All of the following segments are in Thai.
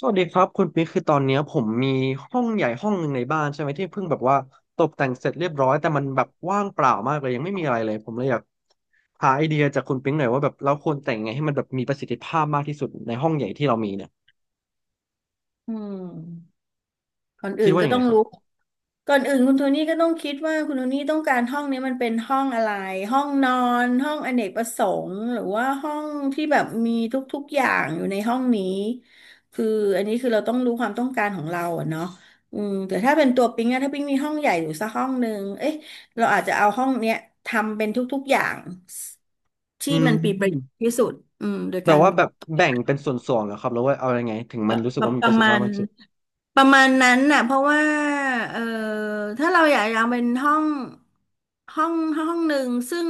สวัสดีครับคุณปิ๊กคือตอนเนี้ยผมมีห้องใหญ่ห้องหนึ่งในบ้านใช่ไหมที่เพิ่งแบบว่าตกแต่งเสร็จเรียบร้อยแต่มันแบบว่างเปล่ามากเลยยังไม่มีอะไรเลยผมเลยอยากหาไอเดียจากคุณปิ๊กหน่อยว่าแบบเราควรแต่งไงให้มันแบบมีประสิทธิภาพมากที่สุดในห้องใหญ่ที่เรามีเนี่ยอืมก่อนอื่คิดนว่าก็ยังต้ไงองครัรู้บก่อนอื่นคุณโทนี่ก็ต้องคิดว่าคุณโทนี่ต้องการห้องนี้มันเป็นห้องอะไรห้องนอนห้องอเนกประสงค์หรือว่าห้องที่แบบมีทุกๆอย่างอยู่ในห้องนี้คืออันนี้คือเราต้องรู้ความต้องการของเราอะเนาะอืมแต่ถ้าเป็นตัวปิ๊งอะถ้าปิ๊งมีห้องใหญ่อยู่สักห้องหนึ่งเอ๊ะเราอาจจะเอาห้องเนี้ยทำเป็นทุกๆอย่างอืที่มันปีประโยชน์มที่สุดอืมโดยแบกาบร ว่าแบบแบ่งเป็นส่วนๆเหรอครับแล้วว่าเอายังไงถึงมันรู้สึปกระว่ามีปประระสิทธิมาภาพณมากที่สุด ประมาณนั้นน่ะเพราะว่าเออถ้าเราอยากจะเอาเป็นห้องห้องหนึ่งซึ่ง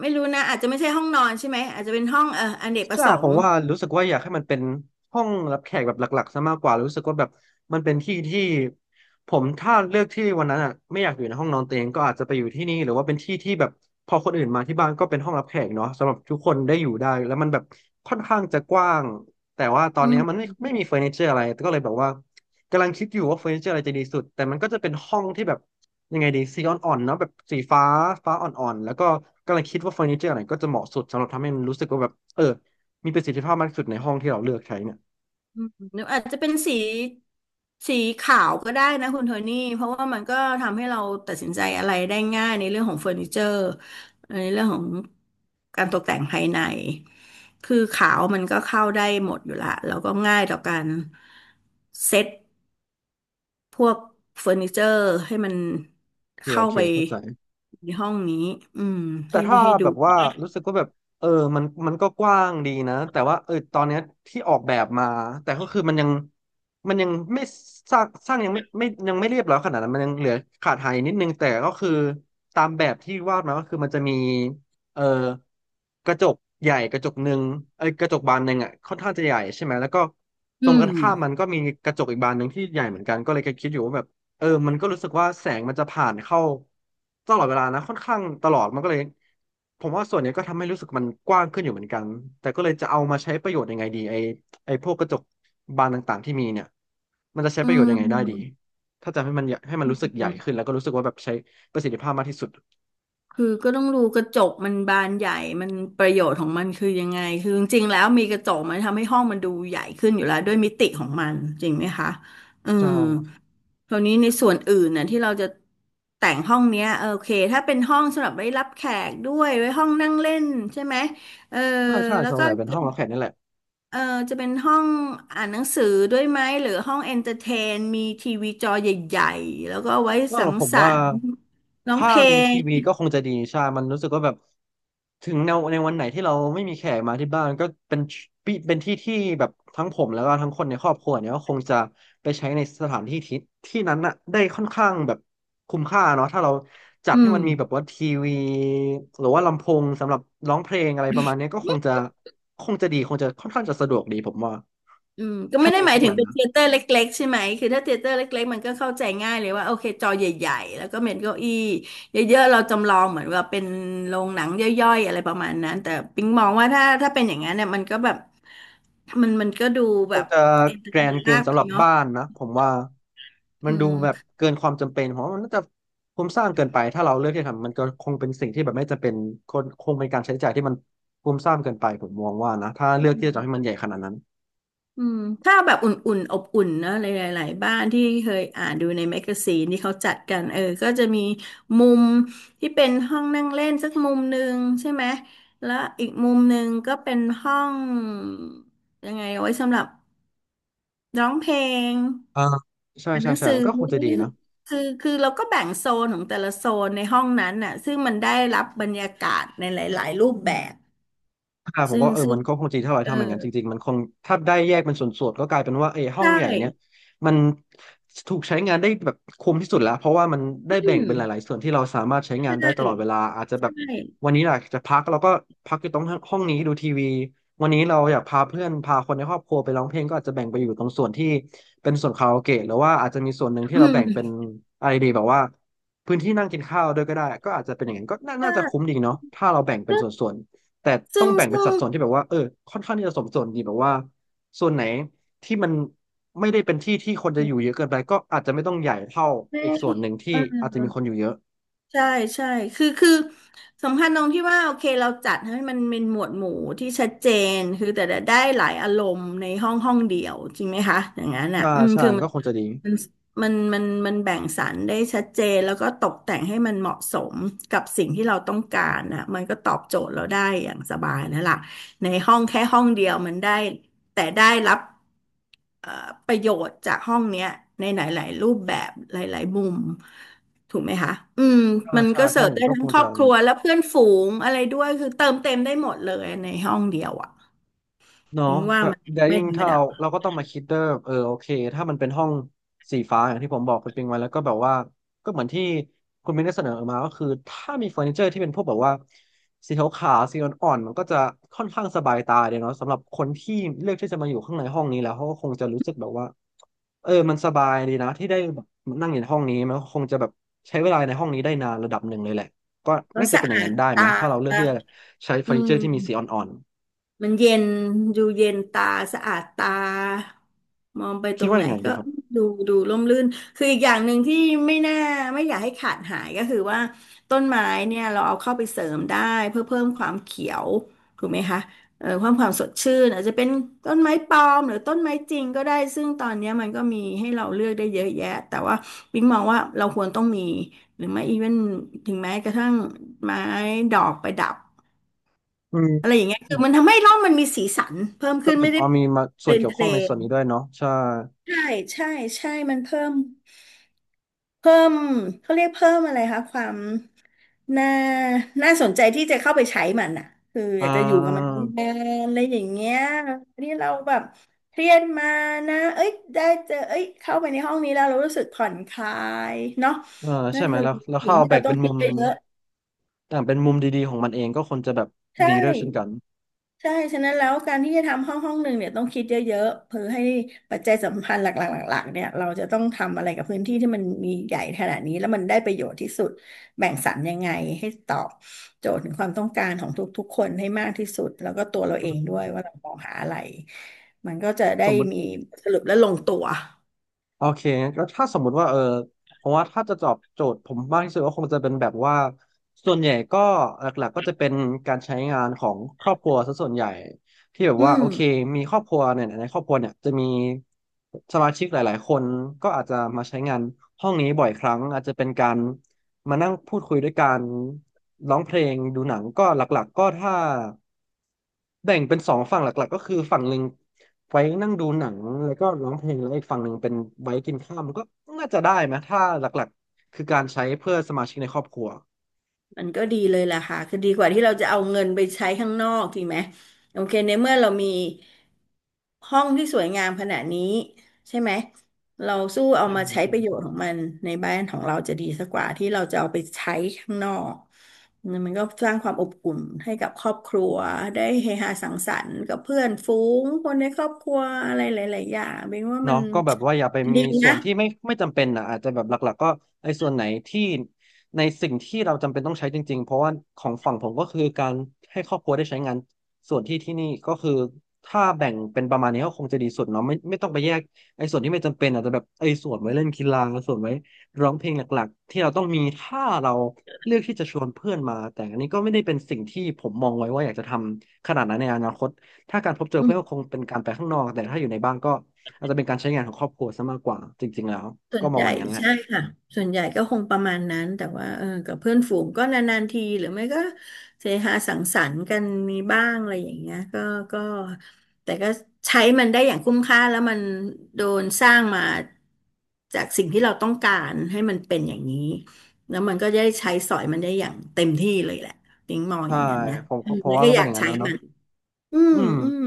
ไม่รู้นะอาจจะไม่ใช่ห้องนอนใช่ไหมอาจจะเป็นห้องเอออเนกประใช่สผงมค์ว่ารู้สึกว่าอยากให้มันเป็นห้องรับแขกแบบหลักๆซะมากกว่ารู้สึกว่าแบบมันเป็นที่ที่ผมถ้าเลือกที่วันนั้นอ่ะไม่อยากอยู่ในห้องนอนตัวเองก็อาจจะไปอยู่ที่นี่หรือว่าเป็นที่ที่แบบพอคนอื่นมาที่บ้านก็เป็นห้องรับแขกเนาะสำหรับทุกคนได้อยู่ได้แล้วมันแบบค่อนข้างจะกว้างแต่ว่าตออืนเนี้ยมันม ไม่มีเฟอร์นิเจอร์อะไรก็เลยแบบว่ากำลังคิดอยู่ว่าเฟอร์นิเจอร์อะไรจะดีสุดแต่มันก็จะเป็นห้องที่แบบยังไงดีสีอ่อนๆเนาะแบบสีฟ้าฟ้าอ่อนๆแล้วก็กำลังคิดว่าเฟอร์นิเจอร์อะไรก็จะเหมาะสุดสำหรับทำให้มันรู้สึกว่าแบบมีประสิทธิภาพมากที่สุดในห้องที่เราเลือกใช้เนี่ยหรืออาจจะเป็นสีสีขาวก็ได้นะคุณโทนี่เพราะว่ามันก็ทำให้เราตัดสินใจอะไรได้ง่ายในเรื่องของเฟอร์นิเจอร์ในเรื่องของการตกแต่งภายในคือขาวมันก็เข้าได้หมดอยู่ละแล้วก็ง่ายต่อการเซ็ตพวกเฟอร์นิเจอร์ให้มันโอเคโอเข้าเคไปเข้าใจในห้องนี้อืมแต่ให้ถ้าให้ดูแบบว่ารู้สึกว่าแบบเออมันมันก็กว้างดีนะแต่ว่าตอนเนี้ยที่ออกแบบมาแต่ก็คือมันยังมันยังไม่สร้างยังไม่ไม่ยังไม่เรียบร้อยขนาดนั้นมันยังเหลือขาดหายนิดนึงแต่ก็คือตามแบบที่วาดมาก็คือมันจะมีเออกระจกใหญ่กระจกหนึ่งเอ้ยกระจกบานหนึ่งอ่ะค่อนข้างจะใหญ่ใช่ไหมแล้วก็ตรอืงกมระข้ามมันก็มีกระจกอีกบานหนึ่งที่ใหญ่เหมือนกันก็เลยก็คิดอยู่ว่าแบบ มันก็รู้สึกว่าแสงมันจะผ่านเข้าตลอดเวลานะค่อนข้างตลอดมันก็เลยผมว่าส่วนเนี้ยก็ทำให้รู้สึกมันกว้างขึ้นอยู่เหมือนกันแต่ก็เลยจะเอามาใช้ประโยชน์ยังไงดีไอพวกกระจกบานต่างๆที่มีเนี่ยมันจะใช้อประโยชน์ยังไงได้ดีืถ้าจะให้มันใหญ่ให้มันรู้สึกใหญ่ขึ้ม นแล้วก็รู้สึกว่าแบบใช้ประสิทธิภาพมากที่สุดคือก็ต้องดูกระจกมันบานใหญ่มันประโยชน์ของมันคือยังไงคือจริงๆแล้วมีกระจกมันทำให้ห้องมันดูใหญ่ขึ้นอยู่แล้วด้วยมิติของมันจริงไหมคะอืใช่มคราวนี้ในส่วนอื่นน่ะที่เราจะแต่งห้องเนี้ยโอเคถ้าเป็นห้องสำหรับไว้รับแขกด้วยไว้ห้องนั่งเล่นใช่ไหมเออใช่ใช่แล้วส่วนก็ใหญ่เป็นห้องรับแขกนี่แหละ เออจะเป็นห้องอ่านหนังสือด้วยไหมหรือห้องเอนเตอร์เทนมีทีวีจอใหญ่ๆแล้วก็ไว้สังผมสรว่ารค์ร้องถ้าเพลมีทีงวีก็คงจะดีใช่มันรู้สึกว่าแบบถึงในวันไหนที่เราไม่มีแขกมาที่บ้านก็เป็นปีเป็นที่ที่แบบทั้งผมแล้วก็ทั้งคนในครอบครัวเนี่ยก็คงจะไปใช้ในสถานที่ที่ที่นั้นน่ะได้ค่อนข้างแบบคุ้มค่าเนาะถ้าเราจัดอืให้ม มันมีแบบว่าทีวีหรือว่าลำโพงสำหรับร้องเพลงอะไรประมาณเนี้ยก็คงจะคงจะดีคงจะค่อนข้างจะสะดวกดีผมว่าอืมก็ถ้าไม่ได้มีหพมายวกถึงนั้นเป็นนะ เทยเตอร์เล็กๆใช่ไหมคือถ้าเทยเตอร์เล็กๆมันก็เข้าใจง่ายเลยว่าโอเคจอใหญ่ๆแล้วก็เม็นเก้าอี้เยอะๆเราจำลองเหมือนว่าเป็นโรงหนังย่อยๆอะไรประมาณนั้นแต่ปิ๊งมองว่าถ้าเป็นอย่างนั้นเนี่ยมันก็แบบมันก็ดูคแบงบจะเอนเตอแกร์รเทนนเกินมากไปสำหรับเนาะบ้านนะผมว่ามัอืนดูแบบม เกินความจำเป็นเพราะมันน่าจะคุ้มสร้างเกินไปถ้าเราเลือกที่จะทำมันก็คงเป็นสิ่งที่แบบไม่จำเป็นคนคงเป็นการใช้จ่ายที่มันคุ้มสร้างเกินไปผมมองว่านะถ้าเลือกที่จะทำให้มันใหญ่ขนาดนั้นอืมถ้าแบบอุ่นๆอบอุ่นนะหลายๆหลายบ้านที่เคยอ่านดูในแมกกาซีนที่เขาจัดกันก็จะมีมุมที่เป็นห้องนั่งเล่นสักมุมหนึ่งใช่ไหมแล้วอีกมุมหนึ่งก็เป็นห้องยังไงเอาไว้สำหรับร้องเพลงอ่าใช่อ่านหใช่นังใช่สือนั่นก็คงจะดีนะ คือเราก็แบ่งโซนของแต่ละโซนในห้องนั้นน่ะซึ่งมันได้รับบรรยากาศในหลายๆรูปแบบอ่าผมซึ่ก็งซึ่งมันก็คงจริงถ้าเราเออทำอย่างนั้นจริงๆมันคงถ้าได้แยกเป็นส่วนๆก็กลายเป็นว่าห้องใช่ใหญ่เนี่ยมันถูกใช้งานได้แบบคุ้มที่สุดแล้วเพราะว่ามันได้อืแบ่งมเป็นหลายๆส่วนที่เราสามารถใช้ใช่งานได้ตลอดเวลาอาจจะแบใชบ่วันนี้อยากจะพักเราก็พักอยู่ตรงห้องนี้ดูทีวีวันนี้เราอยากพาเพื่อนพาคนในครอบครัวไปร้องเพลงก็อาจจะแบ่งไปอยู่ตรงส่วนที่เป็นส่วนคาราโอเกะหรือว่าอาจจะมีส่วนหนึ่งที่อืเราแบ่งเป็นม อะไรดีแบบว่าพื้นที่นั่งกินข้าวด้วยก็ได้ก็อาจจะเป็นอย่างนั้นก็น่าใชน่าจะคุ้ม่ดีเนาะถ้าเราแบ่งเป็นซึ่งส่วนๆ แต่ต้อซึ่งงแบ่งเป็นซึ่สังดส่วนที่แบบว่าค่อนข้างที่จะสมส่วนดีแบบว่า ส่วนไหนที่มันไม่ได้เป็นที่ที่คนจะอยู่เยอะเกินไปก็อาจจะไม่ต้องใหญ่เท่าแม่อีกส่วนหนึ่งที่เอออาจจะมีคนอยู่เยอะใช่ใช่คือสำคัญตรงที่ว่าโอเคเราจัดให้มันเป็นหมวดหมู่ที่ชัดเจนคือแต่ละได้หลายอารมณ์ในห้องห้องเดียวจริงไหมคะอย่างนั้นอ่ะใช่อืมใช่คือมัก็นคงจะดีมันมันมันมันแบ่งสรรได้ชัดเจนแล้วก็ตกแต่งให้มันเหมาะสมกับสิ่งที่เราต้องการนะมันก็ตอบโจทย์เราได้อย่างสบายแล้วล่ะในห้องแค่ห้องเดียวมันได้แต่ได้รับ เอ่อประโยชน์จากห้องเนี้ยในหลายๆ รูปแบบหลายๆมุมถูกไหมคะ อืม ใช่มันใช่ก็เสิถ้าอร์ฟย่างได้นี้ก็ทั้คงงครอจะ บครัวและเพื่อนฝูงอะไรด้วยคือเติมเต็มได้หมดเลยในห้องเดียวอ่ะเนาะพิงว่าแต่มันแต่ยวไม่ยิ่งธรรมถ้าเราดาเราก็ต้องมาคิดเด้อเออโอเคถ้ามันเป็นห้องสีฟ้าอย่างที่ผมบอกคุณปิงไว้แล้วก็แบบว่าก็เหมือนที่คุณมินได้เสนอมาก็คือถ้ามีเฟอร์นิเจอร์ที่เป็นพวกแบบว่าสีขาวๆสีอ่อนๆมันก็จะค่อนข้างสบายตาเดียวเนาะสำหรับคนที่เลือกที่จะมาอยู่ข้างในห้องนี้แล้วเขาก็คงจะรู้สึกแบบว่าเออมันสบายดีนะที่ได้แบบนั่งอยู่ในห้องนี้มันก็คงจะแบบใช้เวลาในห้องนี้ได้นานระดับหนึ่งเลยแหละก็แล้วน่าจะสะเป็นอย่าอางนั้ดนได้ไหมตาถ้าเราเลืออกที่จะใช้เฟออืร์นิเจอม ร์ที่มีสีอ่อนมันเย็นดูเย็นตาสะอาดตามองไปๆตคิดรงว่าไหนยังไงดีก็ครับ ดูร่มรื่นคืออีกอย่างหนึ่งที่ไม่น่าไม่อยากให้ขาดหายก็คือว่าต้นไม้เนี่ยเราเอาเข้าไปเสริมได้เพื่อเพิ่มความเขียวถูกไหมคะความสดชื่นอาจจะเป็นต้นไม้ปลอมหรือต้นไม้จริงก็ได้ซึ่งตอนเนี้ยมันก็มีให้เราเลือกได้เยอะแยะแต่ว่าปิ๊งมองว่าเราควรต้องมีหรือไม่อีเวนถึงแม้กระทั่งไม้ดอกประดับ อืมอะไรอย่างเงี้ยอืคือมันมทำให้ร่องมันมีสีสันเพิ่มก็ขึ้นแบไม่บได้เอามีมาส่วเป็นนเกี่ยวเพข้ลองในส่วนนนี้ด้วยเนาะใช่ๆใช่ใช่ใช่มันเพิ่มเขาเรียกเพิ่มอะไรคะความน่าน่าสนใจที่จะเข้าไปใช้มันอ่ะคือออ่ยากจะอยู่กับมันานานๆอะไรอย่างเงี้ยนี่เราแบบเครียดมานะเอ้ยได้เจอเอ้ยเข้าไปในห้องนี้แล้วเรารู้สึกผ่อนคลายเนาะเออนั่ใช่นไหมคือแล้วสิ่ถ้างเอาที่แบ่เรางต้อเป็งนคิมุดมไปเยอะอ่าเป็นมุมดีๆของมันเองก็คนจะแบบใชดีด้วยเช่นกั่ นใช่ฉะนั้นแล้วการที่จะทำห้องห้องหนึ่งเนี่ยต้องคิดเยอะๆเพื่อให้ปัจจัยสำคัญหลักๆหลักๆเนี่ยเราจะต้องทำอะไรกับพื้นที่ที่มันมีใหญ่ขนาดนี้แล้วมันได้ประโยชน์ที่สุดแบ่งสรรยังไงให้ตอบโจทย์ถึงความต้องการของทุกๆคนให้มากที่สุดแล้วก็ตัวเราเองด้วยว่าเรามองหาอะไรมันก็จะได้สมมติ มีสรุปและลงตัวโอเคงั้นก็ถ้าสมมุติว่าเออเพราะว่าถ้าจะตอบโจทย์ผมมากที่สุดก็คงจะเป็นแบบว่าส่วนใหญ่ก็หลักๆก็จะเป็นการใช้งานของครอบครัวซะส่วนใหญ่ที่แบบอืว่าม โอเคมีครอบครัวเนี่ยในครอบครัวเนี่ยจะมีสมาชิกหลายๆคนก็อาจจะมาใช้งานห้องนี้บ่อยครั้งอาจจะเป็นการ มานั่งพูดคุยด้วยกันร้องเพลงดูหนังก็หลักๆก็ถ้าแบ่งเป็นสองฝั่งหลักๆก็คือฝั่งหนึ่งไว้นั่งดูหนังแล้วก็ร้องเพลงแล้วอีกฝั่งหนึ่งเป็นไว้กินข้าวมันก็น่าจะได้ไหมถ้าหลักๆคือการใช้เพื่อสมาชิกในครอบครัวมันก็ดีเลยล่ะค่ะคือดีกว่าที่เราจะเอาเงินไปใช้ข้างนอกจริงไหมโอเคในเมื่อเรามีห้องที่สวยงามขนาดนี้ใช่ไหมเราสู้เอาใช่มาใช้ใช่ประโยชน์ของใช่ มันในบ้านของเราจะดีสักกว่าที่เราจะเอาไปใช้ข้างนอกมันก็สร้างความอบอุ่นให้กับครอบครัวได้เฮฮาสังสรรค์กับเพื่อนฝูงคนในครอบครัวอะไรหลายๆอย่างเป็นว่ามัเนาะนก็แบบว่าอย่าไปมีดีส่นะ วนที่ไม่ไม่จำเป็นนะอาจจะแบบหลักๆก็ไอ้ส่วนไหนที่ในสิ่งที่เราจำเป็นต้องใช้จริงๆเพราะว่าของฝั่งผมก็คือการให้ครอบครัวได้ใช้งานส่วนที่ที่นี่ก็คือถ้าแบ่งเป็นประมาณนี้ก็คงจะดีสุดเนาะไม่ไม่ต้องไปแยกไอ้ส่วนที่ไม่จำเป็นอาจจะแบบไอ้ส่วนไว้เล่นกีฬาส่วนไว้ร้องเพลงหลักๆที่เราต้องมีถ้าเราเลือกที่จะชวนเพื่อนมาแต่อันนี้ก็ไม่ได้เป็นสิ่งที่ผมมองไว้ว่าอยากจะทำขนาดนั้นในอนาคตถ้าการพบเจอเพื่อนก็คงเป็นการไปข้างนอกแต่ถ้าอยู่ในบ้านก็ อาจจะเป็นการใช้งานของครอบครัวซะมากกว่าจริงๆแล้วส่วก็นมใหองญ่อย่างนั้นแหละใช่ค่ะส่วนใหญ่ก็คงประมาณนั้นแต่ว่ากับเพื่อนฝูงก็นานๆทีหรือไม่ก็เสฮาสังสรรค์กันมีบ้างอะไรอย่างเงี้ยก็แต่ก็ใช้มันได้อย่างคุ้มค่าแล้วมันโดนสร้างมาจากสิ่งที่เราต้องการให้มันเป็นอย่างนี้แล้วมันก็ได้ใช้สอยมันได้อย่างเต็มที่เลยแหละติ้งมองอใช่ย่างนั้นนะผมอืมผมแล้วว่าก็ก็อเป็นยาอกย่างนั้นใช้แล้วเนาะมันอืมอืม อืม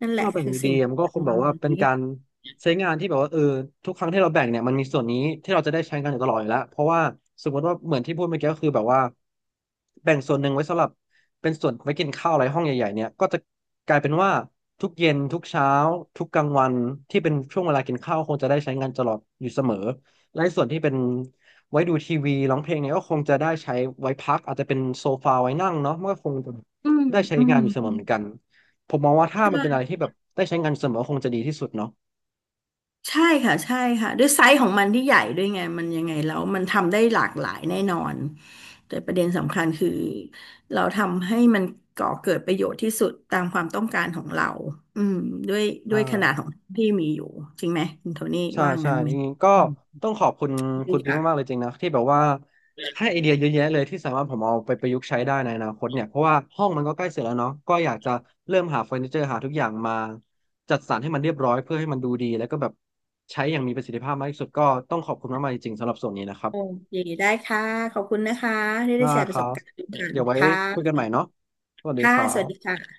นั่นแหถ้าละเราแบ่งคือดีสิ่งๆอะมันก็คปงระแบบมาว่าณเป็นนี้การใช้งานที่แบบว่าเออทุกครั้งที่เราแบ่งเนี่ยมันมีส่วนนี้ที่เราจะได้ใช้งานอยู่ตลอดอยู่แล้วเพราะว่าสมมติว่าเหมือนที่พูดเมื่อกี้ก็คือแบบว่าแบ่งส่วนหนึ่งไว้สำหรับเป็นส่วนไว้กินข้าวอะไรห้องใหญ่ๆเนี่ยก็จะกลายเป็นว่าทุกเย็นทุกเช้าทุกกลางวันที่เป็นช่วงเวลากินข้าวคงจะได้ใช้งานตลอดอยู่เสมอและส่วนที่เป็นไว้ดูทีวีร้องเพลงเนี่ยก็คงจะได้ใช้ไว้พักอาจจะเป็นโซฟาไว้นั่งเนาะมันก็คงจะอืมได้ใช้อืงามนอยู่เสมอือเหมมือนกัน ผมมองว่าถ้ามันเป็นอะไรใช่ ที่แบบได้ใช้งานเสมอคงจะดีที่สุดเนาะใช่ค่ะใช่ค่ะด้วยไซส์ของมันที่ใหญ่ด้วยไงมันยังไงแล้วมันทำได้หลากหลายแน่นอนแต่ประเด็นสำคัญคือเราทำให้มันก่อเกิดประโยชน์ที่สุดตามความต้องการของเราอืมด้วยอ่ด้วยขนาดขาองที่มีอยู่จริงไหมคุณโทนี่ใช่ว่าใช่งั้นอไหมย่างนี้ก็อืมต้องขอบคุณใชคุณปิ๊งมาค่ะกๆเลยจริงนะที่แบบว่าให้ไอเดียเยอะแยะเลยที่สามารถผมเอาไปประยุกต์ใช้ได้ในอนาคตเนี่ยเพราะว่าห้องมันก็ใกล้เสร็จแล้วเนาะก็อยากจะเริ่มหาเฟอร์นิเจอร์หาทุกอย่างมาจัดสรรให้มันเรียบร้อยเพื่อให้มันดูดีแล้วก็แบบใช้อย่างมีประสิทธิภาพมากที่สุดก็ต้องขอบคุณมากๆจริงๆสำหรับส่วนนี้นะครับโอเคได้ค่ะขอบคุณนะคะที่ได้ได้แชร์ปคระสรับบการณ์กันเดี๋ยวไว้ค่ะคุยกันใหม่เนาะสวัสดีค่ะครัสวัสดีบค่ะ